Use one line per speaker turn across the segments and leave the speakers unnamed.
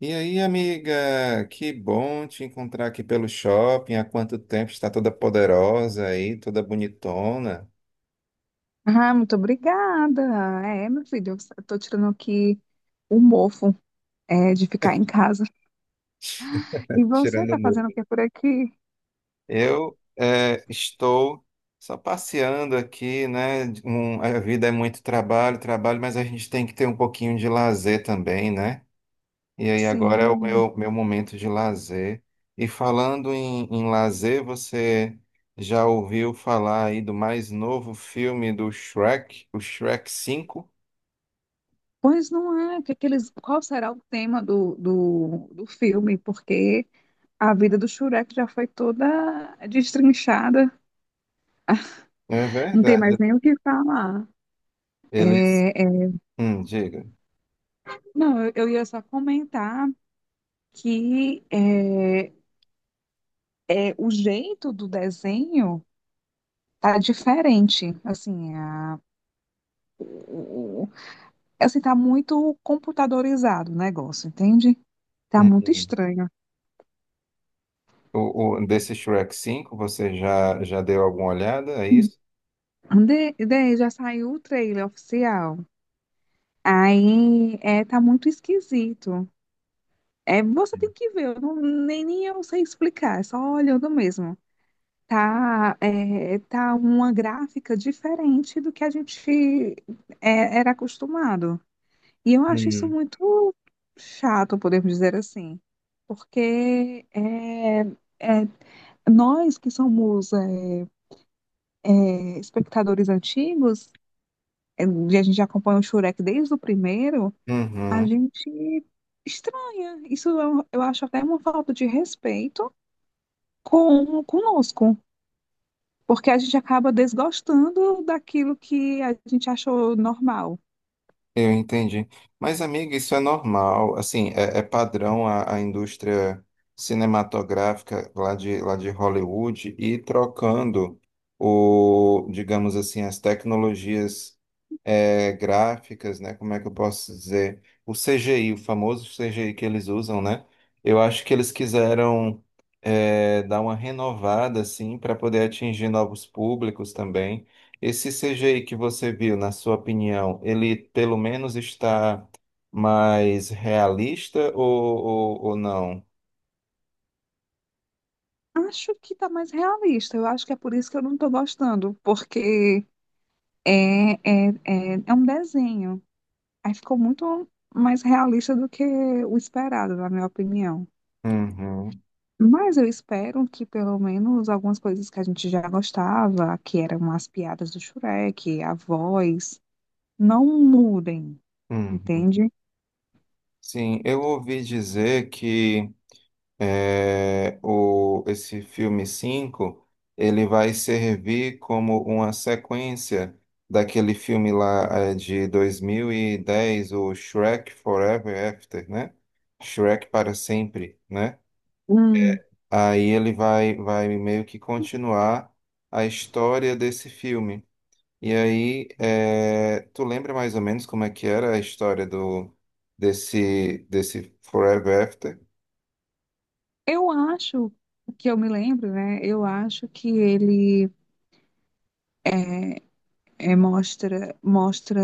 E aí, amiga, que bom te encontrar aqui pelo shopping. Há quanto tempo está toda poderosa aí, toda bonitona,
Ah, muito obrigada. Meu filho, eu tô tirando aqui o mofo, de ficar em casa. E você
tirando o
tá fazendo o
muro.
que por aqui?
Eu estou só passeando aqui, né? A vida é muito trabalho, trabalho, mas a gente tem que ter um pouquinho de lazer também, né? E aí agora é o
Sim.
meu momento de lazer. E falando em lazer, você já ouviu falar aí do mais novo filme do Shrek, o Shrek Cinco?
Pois não é, qual será o tema do filme? Porque a vida do Shrek já foi toda destrinchada,
É
não tem mais
verdade.
nem o que falar.
Eles.
É, é,
Diga.
não, eu ia só comentar que o jeito do desenho tá diferente, assim. É assim, tá muito computadorizado o negócio, entende? Tá
Hum,
muito
hum.
estranho.
Desse Shrek cinco você já deu alguma olhada? É
Hum.
isso?
Já saiu o trailer oficial. Aí tá muito esquisito. É, você tem que ver, eu nem eu sei explicar, é só olhando mesmo. Tá uma gráfica diferente do que a gente era acostumado. E eu acho isso
Hum.
muito chato, podemos dizer assim, porque é, nós que somos espectadores antigos, e a gente já acompanha o Shurek desde o primeiro, a
Uhum.
gente estranha. Isso eu acho até uma falta de respeito com conosco, porque a gente acaba desgostando daquilo que a gente achou normal.
Eu entendi. Mas, amiga, isso é normal. Assim, é padrão a indústria cinematográfica lá de Hollywood e trocando o, digamos assim, as tecnologias gráficas, né? Como é que eu posso dizer? O CGI, o famoso CGI que eles usam, né? Eu acho que eles quiseram dar uma renovada, assim, para poder atingir novos públicos também. Esse CGI que você viu, na sua opinião, ele pelo menos está mais realista ou não?
Acho que tá mais realista, eu acho que é por isso que eu não tô gostando, porque é, é um desenho. Aí ficou muito mais realista do que o esperado, na minha opinião.
Uhum,
Mas eu espero que pelo menos algumas coisas que a gente já gostava, que eram as piadas do Shrek, a voz, não mudem,
uhum.
entende?
Sim, eu ouvi dizer que esse filme 5 ele vai servir como uma sequência daquele filme lá de 2010, o Shrek Forever After, né? Shrek para sempre, né?
Hum,
Aí ele vai meio que continuar a história desse filme. E aí, tu lembra mais ou menos como é que era a história do desse desse Forever After?
eu acho que eu me lembro, né? Eu acho que ele mostra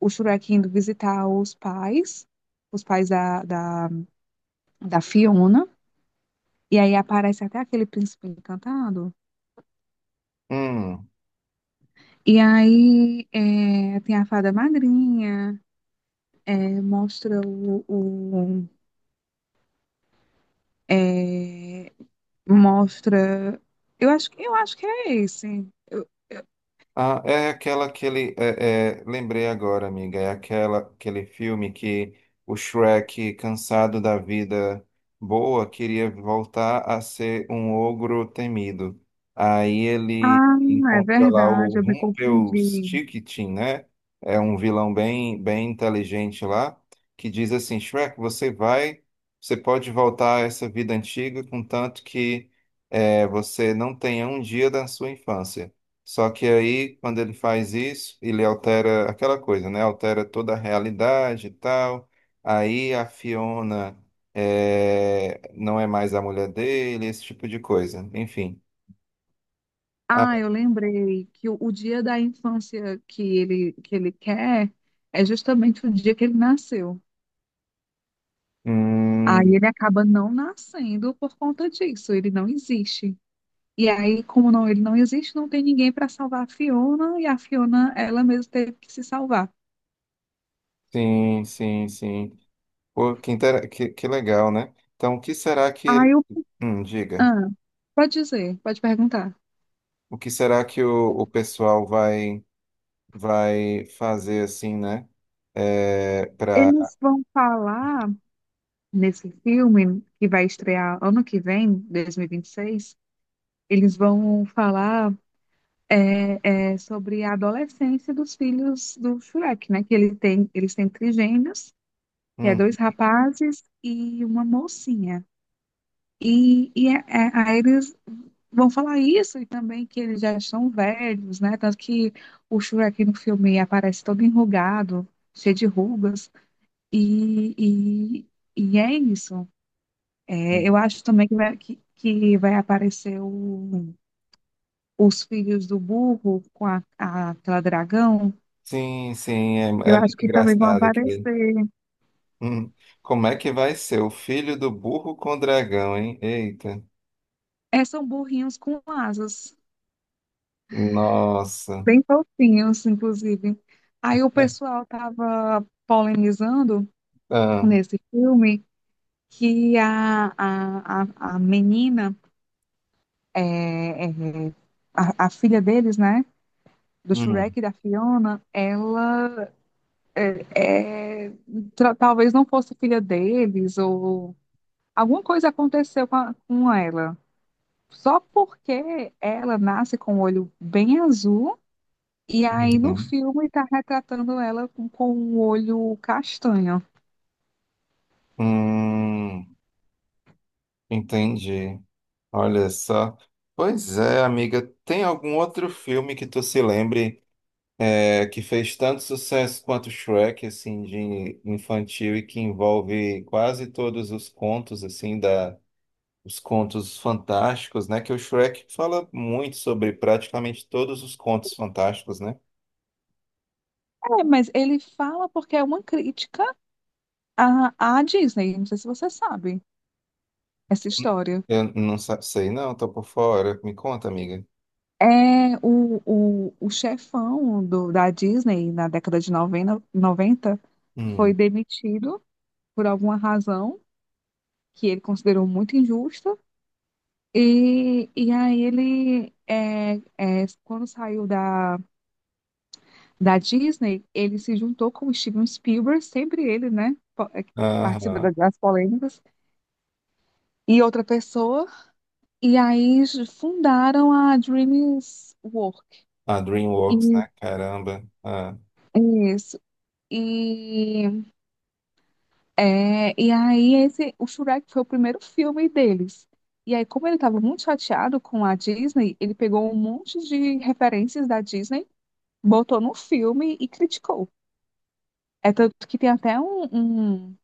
o Shrek indo visitar os pais da da Fiona. E aí aparece até aquele príncipe encantado.
Hum.
E aí tem a fada madrinha. Mostra o é, mostra. Eu acho, eu acho que é esse.
Ah, é aquela que ele. Lembrei agora, amiga. É aquela, aquele filme que o Shrek, cansado da vida boa, queria voltar a ser um ogro temido. Aí ele
Ah, é
encontra lá o
verdade, eu me confundi.
Rumpelstiltskin, né? É um vilão bem, bem inteligente lá, que diz assim: Shrek, você vai. Você pode voltar a essa vida antiga, contanto que você não tenha um dia da sua infância. Só que aí, quando ele faz isso, ele altera aquela coisa, né? Altera toda a realidade e tal. Aí a Fiona não é mais a mulher dele, esse tipo de coisa. Enfim. Ah,
Ah, eu lembrei que o dia da infância que ele quer é justamente o dia que ele nasceu.
hum,
Aí ele acaba não nascendo por conta disso, ele não existe. E aí, como não, ele não existe, não tem ninguém para salvar a Fiona, e a Fiona, ela mesma teve que se salvar.
sim, sim, sim. Pô, que legal, né? Então, o que será que
Aí
ele...
eu.
Diga.
Ah, pode dizer, pode perguntar.
O que será que o pessoal vai fazer assim, né? É, para
Eles vão falar nesse filme que vai estrear ano que vem, 2026, eles vão falar sobre a adolescência dos filhos do Shrek, né? Que ele tem, eles têm trigêmeos, que é dois rapazes e uma mocinha. Aí eles vão falar isso e também que eles já são velhos, né? Tanto que o Shrek no filme aparece todo enrugado, cheio de rugas. E, e, e é isso. É, eu acho também que que vai aparecer os filhos do burro com aquela dragão.
Sim, sim, é,
Eu
é
acho
muito
que também vão
engraçado aquilo.
aparecer.
Hum, Como é que vai ser? O filho do burro com o dragão, hein? Eita.
É, são burrinhos com asas,
Nossa.
bem fofinhos, inclusive. Aí o
É.
pessoal estava polemizando
Ah,
nesse filme que a menina, é, é, a filha deles, né, do
hum,
Shrek e da Fiona, ela é, talvez não fosse filha deles, ou alguma coisa aconteceu com ela. Só porque ela nasce com o olho bem azul, e aí no
uhum.
filme está retratando ela com o olho castanho.
Hum, Entendi. Olha só. Pois é, amiga. Tem algum outro filme que tu se lembre que fez tanto sucesso quanto Shrek, assim, de infantil e que envolve quase todos os contos, assim, da os contos fantásticos, né? Que o Shrek fala muito sobre praticamente todos os contos fantásticos, né?
É, mas ele fala porque é uma crítica à Disney, não sei se você sabe essa história.
Eu não sei, não, tô por fora. Me conta, amiga.
É o chefão do, da Disney na década de 90 90 foi
Hum.
demitido por alguma razão que ele considerou muito injusta. E aí ele, quando saiu da Disney, ele se juntou com o Steven Spielberg, sempre ele, né? Que participa
Aham.
das polêmicas, e outra pessoa. E aí fundaram a DreamWorks.
A
E,
DreamWorks, né? Caramba. Ah,
isso. E, e aí o Shrek foi o primeiro filme deles. E aí, como ele estava muito chateado com a Disney, ele pegou um monte de referências da Disney, botou num filme e criticou. É tanto que tem até um-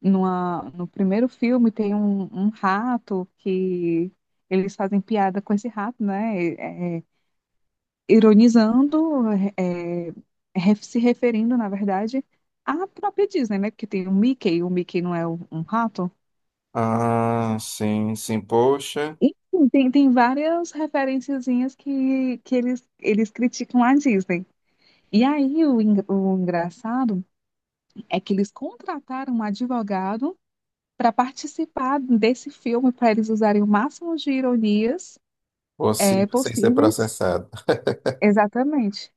no primeiro filme tem um rato que eles fazem piada com esse rato, né? Ironizando, é, se referindo, na verdade, à própria Disney, né? Porque tem o Mickey não é um rato.
Ah, sim, sim. Poxa,
Enfim, tem várias referenciazinhas que eles criticam a Disney. E aí o engraçado é que eles contrataram um advogado para participar desse filme, para eles usarem o máximo de ironias
possível sem ser
possíveis.
processado.
Exatamente.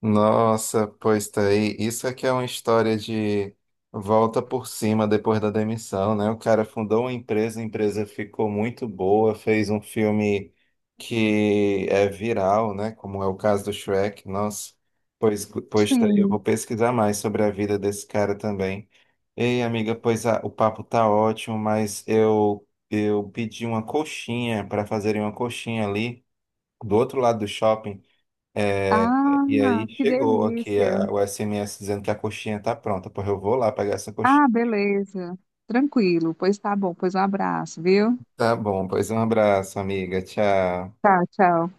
Nossa, pois tá aí. Isso aqui é uma história de volta por cima depois da demissão, né? O cara fundou uma empresa, a empresa ficou muito boa, fez um filme que é viral, né? Como é o caso do Shrek. Nossa, pois, pois tá aí. Eu
Sim.
vou pesquisar mais sobre a vida desse cara também. Ei, amiga, pois o papo tá ótimo, mas eu pedi uma coxinha para fazerem uma coxinha ali do outro lado do shopping. E aí
Ah, que
chegou aqui
delícia.
o SMS dizendo que a coxinha tá pronta. Porra, eu vou lá pegar essa coxinha.
Ah, beleza. Tranquilo. Pois tá bom. Pois um abraço, viu?
Tá bom, pois um abraço, amiga. Tchau.
Tchau, tchau.